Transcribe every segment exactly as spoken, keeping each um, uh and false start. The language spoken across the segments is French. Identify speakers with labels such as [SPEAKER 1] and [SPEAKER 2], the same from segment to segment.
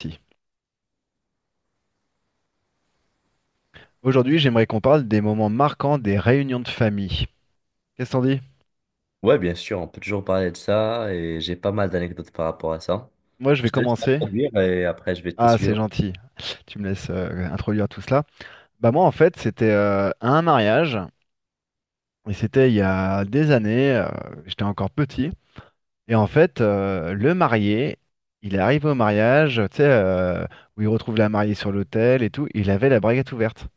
[SPEAKER 1] Si. Aujourd'hui, j'aimerais qu'on parle des moments marquants des réunions de famille. Qu'est-ce qu'on dit?
[SPEAKER 2] Ouais, bien sûr, on peut toujours parler de ça et j'ai pas mal d'anecdotes par rapport à ça.
[SPEAKER 1] Moi, je vais
[SPEAKER 2] Je te laisse
[SPEAKER 1] commencer.
[SPEAKER 2] m'introduire et après je vais te
[SPEAKER 1] Ah, c'est
[SPEAKER 2] suivre.
[SPEAKER 1] gentil. Tu me laisses euh, introduire tout cela. Bah moi, en fait, c'était euh, à un mariage et c'était il y a des années. Euh, j'étais encore petit et en fait, euh, le marié, il arrive au mariage, tu sais, euh, où il retrouve la mariée sur l'autel et tout. Il avait la braguette ouverte.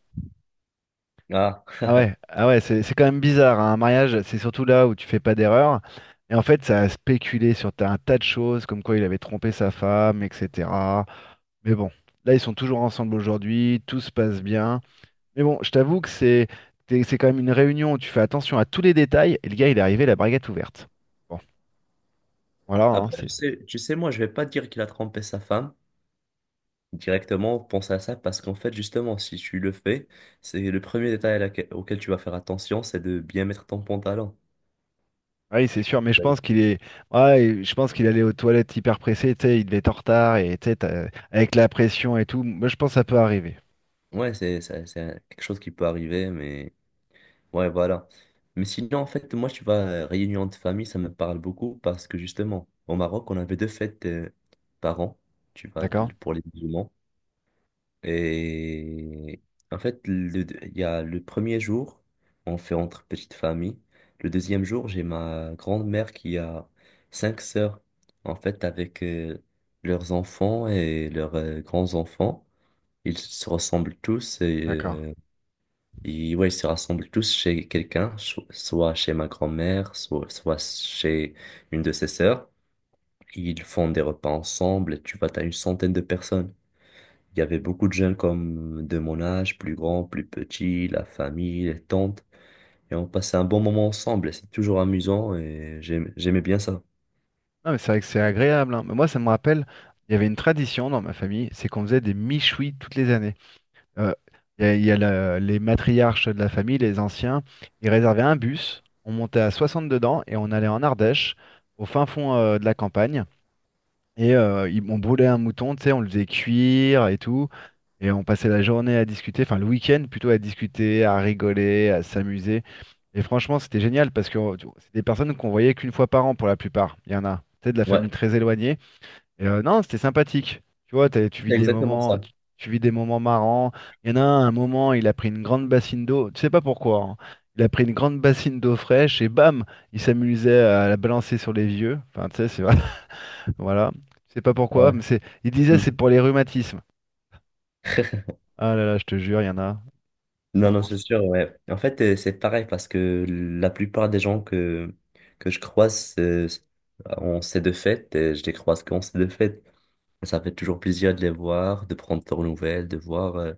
[SPEAKER 2] Ah,
[SPEAKER 1] Ah ouais, ah ouais, c'est c'est quand même bizarre, hein. Un mariage, c'est surtout là où tu fais pas d'erreur. Et en fait, ça a spéculé sur ta- un tas de choses, comme quoi il avait trompé sa femme, et cetera. Mais bon, là, ils sont toujours ensemble aujourd'hui, tout se passe bien. Mais bon, je t'avoue que c'est t'es- c'est quand même une réunion où tu fais attention à tous les détails. Et le gars, il est arrivé la braguette ouverte. Bon, voilà, hein,
[SPEAKER 2] après,
[SPEAKER 1] c'est.
[SPEAKER 2] tu sais, tu sais, moi, je vais pas dire qu'il a trompé sa femme directement, pense à ça parce qu'en fait, justement, si tu le fais, c'est le premier détail à laquelle- auquel tu vas faire attention, c'est de bien mettre ton pantalon.
[SPEAKER 1] Ah oui, c'est sûr, mais je pense qu'il est. Ouais, je pense qu'il allait aux toilettes hyper pressé, tu sais, il devait être en retard et tu sais, t'as- avec la pression et tout. Moi, je pense que ça peut arriver.
[SPEAKER 2] Ouais, c'est, c'est, c'est quelque chose qui peut arriver, mais ouais, voilà. Mais sinon, en fait, moi, tu vois, euh, réunion de famille, ça me parle beaucoup parce que justement, au Maroc, on avait deux fêtes euh, par an, tu vois,
[SPEAKER 1] D'accord?
[SPEAKER 2] le- pour les musulmans. Et en fait, le- il y a le premier jour, on fait entre petites familles. Le deuxième jour, j'ai ma grand-mère qui a cinq sœurs, en fait, avec euh, leurs enfants et leurs euh, grands-enfants. Ils se ressemblent tous et
[SPEAKER 1] D'accord.
[SPEAKER 2] euh, ils, ouais, ils se rassemblent tous chez quelqu'un, cho- soit chez ma grand-mère, soit, soit chez une de ses sœurs. Ils font des repas ensemble. Tu vois, t'as une centaine de personnes. Il y avait beaucoup de jeunes comme de mon âge, plus grands, plus petits, la famille, les tantes. Et on passait un bon moment ensemble. Et c'est toujours amusant et j'aime- j'aimais bien ça.
[SPEAKER 1] Non, mais c'est vrai que c'est agréable, hein. Mais moi, ça me rappelle, il y avait une tradition dans ma famille, c'est qu'on faisait des michouis toutes les années. Euh, il y a, il y a la- les matriarches de la famille, les anciens, ils réservaient un bus, on montait à soixante dedans et on allait en Ardèche, au fin fond euh, de la campagne. Et euh, ils- on brûlait un mouton, tu sais, on le faisait cuire et tout. Et on passait la journée à discuter, enfin le week-end plutôt à discuter, à rigoler, à s'amuser. Et franchement, c'était génial parce que euh, tu- c'est des personnes qu'on voyait qu'une fois par an pour la plupart. Il y en a, tu sais, de la
[SPEAKER 2] Ouais,
[SPEAKER 1] famille très éloignée. Et euh, non, c'était sympathique. Tu vois, t'as- tu vis
[SPEAKER 2] c'est
[SPEAKER 1] des
[SPEAKER 2] exactement
[SPEAKER 1] moments,
[SPEAKER 2] ça.
[SPEAKER 1] tu, tu vis des moments marrants. Il y en a un, un moment, il a pris une grande bassine d'eau. Tu sais pas pourquoi, hein. Il a pris une grande bassine d'eau fraîche et bam, il s'amusait à la balancer sur les vieux. Enfin, tu sais, c'est voilà. Je sais pas
[SPEAKER 2] Ah
[SPEAKER 1] pourquoi,
[SPEAKER 2] ouais.
[SPEAKER 1] mais c'est. Il disait
[SPEAKER 2] Mmh.
[SPEAKER 1] c'est pour les rhumatismes. Ah là là, je te jure, il y en a.
[SPEAKER 2] Non,
[SPEAKER 1] Enfin,
[SPEAKER 2] non,
[SPEAKER 1] bon,
[SPEAKER 2] c'est
[SPEAKER 1] c'est-
[SPEAKER 2] sûr, ouais. En fait, euh, c'est pareil parce que la plupart des gens que, que je croise euh, en ces deux fêtes, euh, je les croise qu'en ces deux fêtes. Ça fait toujours plaisir de les voir, de prendre leurs nouvelles, de voir. euh,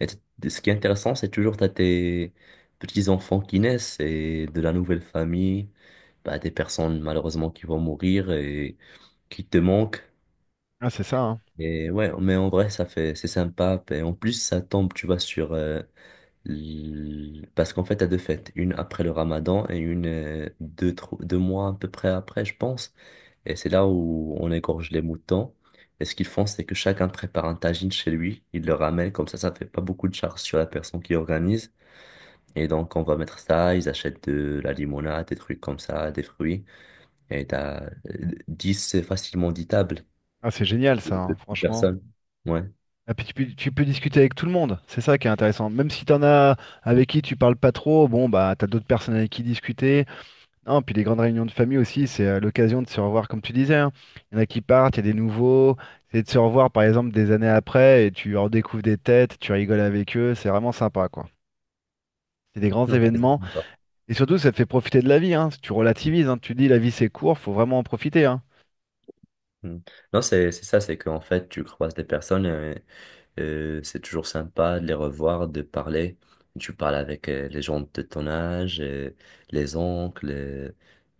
[SPEAKER 2] et t- ce qui est intéressant, c'est toujours t'as tes petits-enfants qui naissent et de la nouvelle famille, bah, des personnes malheureusement qui vont mourir et qui te manquent.
[SPEAKER 1] Ah, c'est ça, hein.
[SPEAKER 2] Et ouais, mais en vrai, ça fait, c'est sympa. Et en plus, ça tombe, tu vois, sur. euh, l- parce qu'en fait, t'as deux fêtes, une après le Ramadan et une euh, deux, tro- deux mois à peu près après, je pense. Et c'est là où on égorge les moutons. Et ce qu'ils font, c'est que chacun prépare un tagine chez lui, il le ramène, comme ça, ça fait pas beaucoup de charge sur la personne qui organise. Et donc, on va mettre ça, ils achètent de la limonade, des trucs comme ça, des fruits. Et t'as euh, dix, facilement dix tables,
[SPEAKER 1] Ah, c'est génial ça, hein, franchement.
[SPEAKER 2] personnes. Ouais.
[SPEAKER 1] Et puis tu peux, tu peux discuter avec tout le monde, c'est ça qui est intéressant. Même si t'en as avec qui tu parles pas trop, bon bah t'as d'autres personnes avec qui discuter. Non, puis les grandes réunions de famille aussi, c'est euh, l'occasion de se revoir comme tu disais, hein. Il y en a qui partent, il y a des nouveaux. C'est de se revoir par exemple des années après et tu redécouvres des têtes, tu rigoles avec eux, c'est vraiment sympa quoi. C'est des grands
[SPEAKER 2] Non.
[SPEAKER 1] événements. Et surtout, ça te fait profiter de la vie, hein. Tu relativises, hein. Tu dis la vie c'est court, faut vraiment en profiter, hein.
[SPEAKER 2] Mm. Non, c'est c'est ça, c'est qu'en fait, tu croises des personnes, euh, euh, c'est toujours sympa de les revoir, de parler. Tu parles avec euh, les gens de ton âge, euh, les oncles, euh,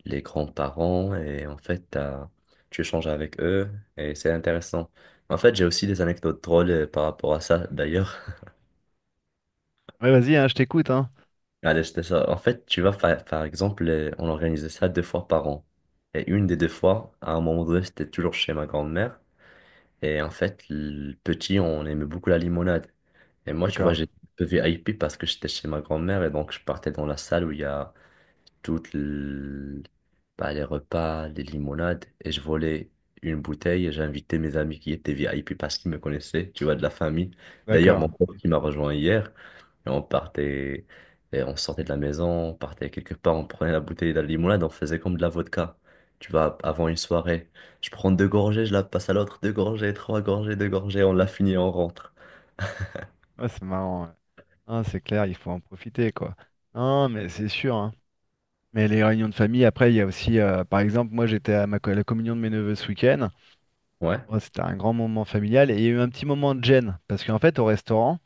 [SPEAKER 2] les grands-parents, et en fait, t'as- tu échanges avec eux, et c'est intéressant. En fait, j'ai aussi des anecdotes drôles euh, par rapport à ça, d'ailleurs.
[SPEAKER 1] Ouais, vas-y, hein, je t'écoute, hein.
[SPEAKER 2] Allez, je te sors. En fait, tu vois, par, par exemple, euh, on organisait ça deux fois par an. Et une des deux fois, à un moment donné, c'était toujours chez ma grand-mère. Et en fait, le petit, on aimait beaucoup la limonade. Et moi, tu vois,
[SPEAKER 1] D'accord,
[SPEAKER 2] j'étais un peu V I P parce que j'étais chez ma grand-mère et donc je partais dans la salle où il y a toutes l- bah, les repas, les limonades et je volais une bouteille et j'invitais mes amis qui étaient V I P parce qu'ils me connaissaient, tu vois, de la famille. D'ailleurs,
[SPEAKER 1] d'accord.
[SPEAKER 2] mon pote qui m'a rejoint hier, et on partait, et on sortait de la maison, on partait quelque part, on prenait la bouteille de la limonade, on faisait comme de la vodka. Tu vois, avant une soirée, je prends deux gorgées, je la passe à l'autre, deux gorgées, trois gorgées, deux gorgées, on la
[SPEAKER 1] Hmm.
[SPEAKER 2] finit, on rentre.
[SPEAKER 1] Ouais, c'est marrant, ouais. Ah, c'est clair, il faut en profiter, quoi. Non, mais c'est sûr, hein. Mais les réunions de famille, après, il y a aussi, euh, par exemple, moi j'étais à ma co- la communion de mes neveux ce week-end.
[SPEAKER 2] Ouais.
[SPEAKER 1] Bon, c'était un grand moment familial et il y a eu un petit moment de gêne parce qu'en fait, au restaurant,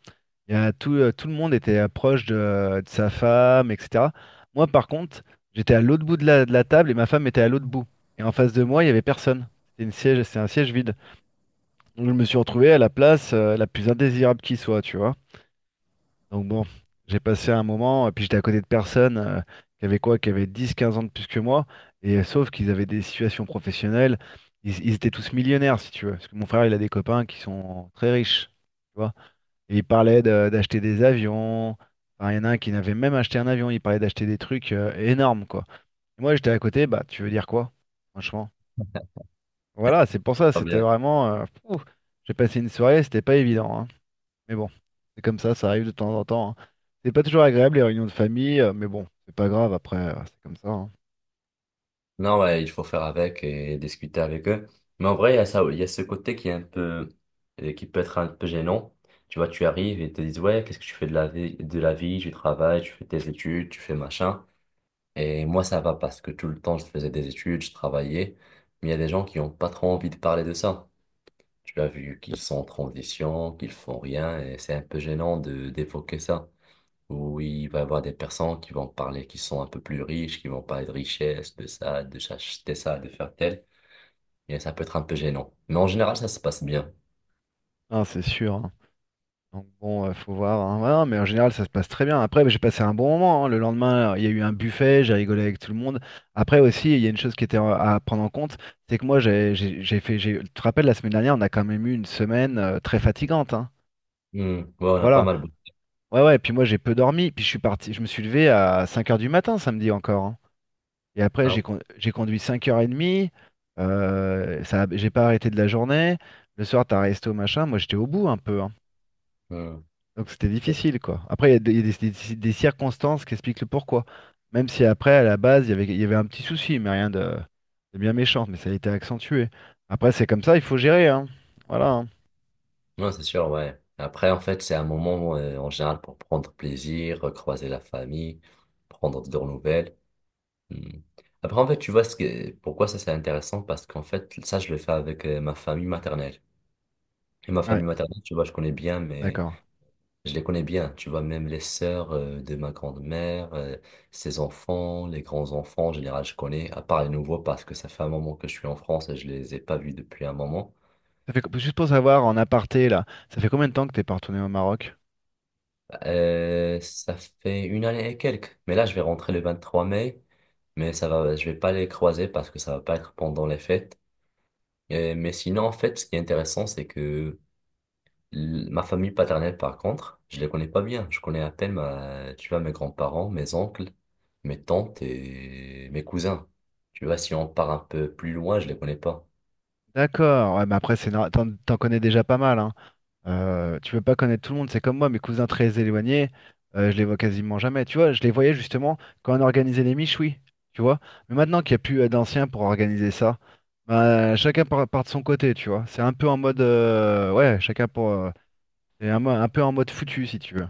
[SPEAKER 1] il y a tout, euh, tout le monde était euh, proche de, euh, de sa femme, et cetera. Moi, par contre, j'étais à l'autre bout de la, de la table et ma femme était à l'autre bout. Et en face de moi, il n'y avait personne. C'était une siège, c'est un siège vide. Donc, je me suis retrouvé à la place euh, la plus indésirable qui soit, tu vois. Donc, bon, j'ai passé un moment, et puis j'étais à côté de personnes euh, qui avaient quoi, qui avaient dix quinze ans de plus que moi. Et euh, sauf qu'ils avaient des situations professionnelles. Ils, ils étaient tous millionnaires, si tu veux. Parce que mon frère, il a des copains qui sont très riches, tu vois. Et il parlait de- d'acheter des avions. Enfin, il y en a un qui n'avait même acheté un avion. Il parlait d'acheter des trucs euh, énormes, quoi. Et moi, j'étais à côté. Bah, tu veux dire quoi, franchement? Voilà, c'est pour ça.
[SPEAKER 2] Pas
[SPEAKER 1] C'était
[SPEAKER 2] bien.
[SPEAKER 1] vraiment. euh, fou. J'ai passé une soirée. C'était pas évident, hein. Mais bon, c'est comme ça. Ça arrive de temps en temps, hein. C'est pas toujours agréable les réunions de famille, euh, mais bon, c'est pas grave. Après, euh, c'est comme ça, hein.
[SPEAKER 2] Non, ouais, il faut faire avec et discuter avec eux. Mais en vrai, il y a ça, il y a ce côté qui est un peu, euh, qui peut être un peu gênant. Tu vois, tu arrives et ils te disent, ouais, qu'est-ce que tu fais de la vie, de la vie, tu travailles, tu fais tes études, tu fais machin. Et moi, ça va parce que tout le temps, je faisais des études, je travaillais. Mais il y a des gens qui n'ont pas trop envie de parler de ça. Tu as vu qu'ils sont en transition, qu'ils font rien, et c'est un peu gênant de d'évoquer ça. Où il va y avoir des personnes qui vont parler, qui sont un peu plus riches, qui vont parler de richesse, de ça, de s'acheter ça, de faire tel. Et ça peut être un peu gênant. Mais en général, ça se passe bien.
[SPEAKER 1] Ah, c'est sûr, hein. Donc bon, euh, faut voir, hein. Ouais, non, mais en général, ça se passe très bien. Après, bah, j'ai passé un bon moment, hein. Le lendemain, il y a eu un buffet, j'ai rigolé avec tout le monde. Après aussi, il y a une chose qui était euh, à prendre en compte, c'est que moi, j'ai j'ai- j'ai fait. j'ai- Tu te rappelles, la semaine dernière, on a quand même eu une semaine euh, très fatigante, hein.
[SPEAKER 2] Hmm. Ouais, on a pas
[SPEAKER 1] Voilà.
[SPEAKER 2] mal.
[SPEAKER 1] Ouais, ouais. Puis moi, j'ai peu dormi. Puis je suis parti. Je me suis levé à cinq heures du matin samedi encore, hein. Et après,
[SPEAKER 2] Ah.
[SPEAKER 1] j'ai con- j'ai conduit cinq heures trente. Euh, ça, j'ai pas arrêté de la journée. Le soir, t'as resté au machin. Moi, j'étais au bout un peu, hein.
[SPEAKER 2] Ouais. Hmm.
[SPEAKER 1] Donc c'était difficile, quoi. Après, il y a, des, il y a des- des- des circonstances qui expliquent le pourquoi. Même si après, à la base, il y avait, il y avait un petit souci, mais rien de, de bien méchant, mais ça a été accentué. Après, c'est comme ça, il faut gérer, hein. Voilà, hein.
[SPEAKER 2] Non, c'est sûr, ouais. Après, en fait, c'est un moment euh, en général pour prendre plaisir, croiser la famille, prendre de leurs nouvelles. Hmm. Après, en fait, tu vois ce que, pourquoi ça c'est intéressant? Parce qu'en fait, ça, je le fais avec euh, ma famille maternelle. Et ma
[SPEAKER 1] Ouais,
[SPEAKER 2] famille maternelle, tu vois, je connais bien, mais
[SPEAKER 1] d'accord.
[SPEAKER 2] je les connais bien. Tu vois, même les sœurs euh, de ma grand-mère, euh, ses enfants, les grands-enfants, en général, je connais, à part les nouveaux, parce que ça fait un moment que je suis en France et je les ai pas vus depuis un moment.
[SPEAKER 1] Ça fait, co- juste pour savoir, en aparté, là, ça fait combien de temps que t'es pas retourné au Maroc?
[SPEAKER 2] Euh, ça fait une année et quelques. Mais là, je vais rentrer le vingt-trois mai. Mais ça va, je vais pas les croiser parce que ça va pas être pendant les fêtes. Euh, mais sinon, en fait, ce qui est intéressant, c'est que l- ma famille paternelle, par contre, je les connais pas bien. Je connais à peine ma, tu vois, mes grands-parents, mes oncles, mes tantes et mes cousins. Tu vois, si on part un peu plus loin, je les connais pas.
[SPEAKER 1] D'accord, ouais, mais après, c'est nor- t'en, t'en connais déjà pas mal, hein. Euh, tu peux pas connaître tout le monde, c'est comme moi, mes cousins très éloignés, euh, je les vois quasiment jamais. Tu vois, je les voyais justement quand on organisait les miches, oui, tu vois. Mais maintenant qu'il n'y a plus euh, d'anciens pour organiser ça, bah, chacun part, part de son côté, tu vois. C'est un peu en mode, euh, ouais, chacun pour, euh, c'est un, mo- un peu en mode foutu, si tu veux.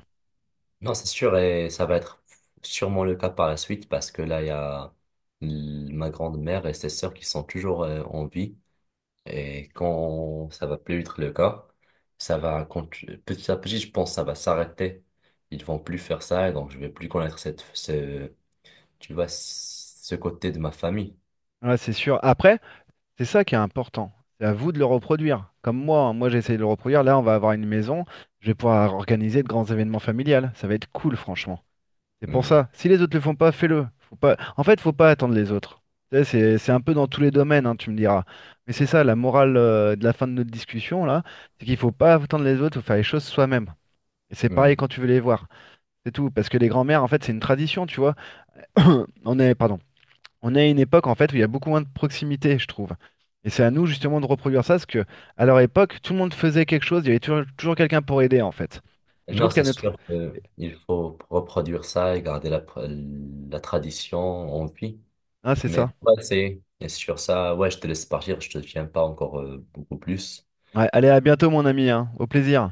[SPEAKER 2] Non, c'est sûr, et ça va être sûrement le cas par la suite parce que là, il y a l- ma grande-mère et ses sœurs qui sont toujours euh, en vie. Et quand ça va plus être le cas, ça va continuer. Petit à petit, je pense, que ça va s'arrêter. Ils vont plus faire ça et donc je vais plus connaître cette, ce, tu vois, ce côté de ma famille.
[SPEAKER 1] Ouais, c'est sûr. Après, c'est ça qui est important. C'est à vous de le reproduire. Comme moi, hein, moi j'ai essayé de le reproduire. Là, on va avoir une maison. Je vais pouvoir organiser de grands événements familiales. Ça va être cool, franchement. C'est pour
[SPEAKER 2] Hmm.
[SPEAKER 1] ça. Si les autres le font pas, fais-le. Faut pas... En fait, faut pas attendre les autres. Tu sais, C'est c'est un peu dans tous les domaines, hein, tu me diras. Mais c'est ça, la morale euh, de la fin de notre discussion, là, c'est qu'il faut pas attendre les autres, faut faire les choses soi-même. Et c'est
[SPEAKER 2] Hmm.
[SPEAKER 1] pareil quand tu veux les voir. C'est tout. Parce que les grands-mères, en fait, c'est une tradition, tu vois. On est, pardon. On est à une époque en fait où il y a beaucoup moins de proximité, je trouve. Et c'est à nous justement de reproduire ça, parce que à leur époque, tout le monde faisait quelque chose, il y avait toujours, toujours quelqu'un pour aider en fait. Et je
[SPEAKER 2] Non,
[SPEAKER 1] trouve qu'à
[SPEAKER 2] c'est
[SPEAKER 1] notre...
[SPEAKER 2] sûr qu'il faut reproduire ça et garder la, la tradition en vie.
[SPEAKER 1] Ah, c'est
[SPEAKER 2] Mais
[SPEAKER 1] ça.
[SPEAKER 2] ouais, c'est et sur ça, ouais, je te laisse partir, je te tiens pas encore euh, beaucoup plus.
[SPEAKER 1] Ouais, allez, à bientôt mon ami, hein. Au plaisir.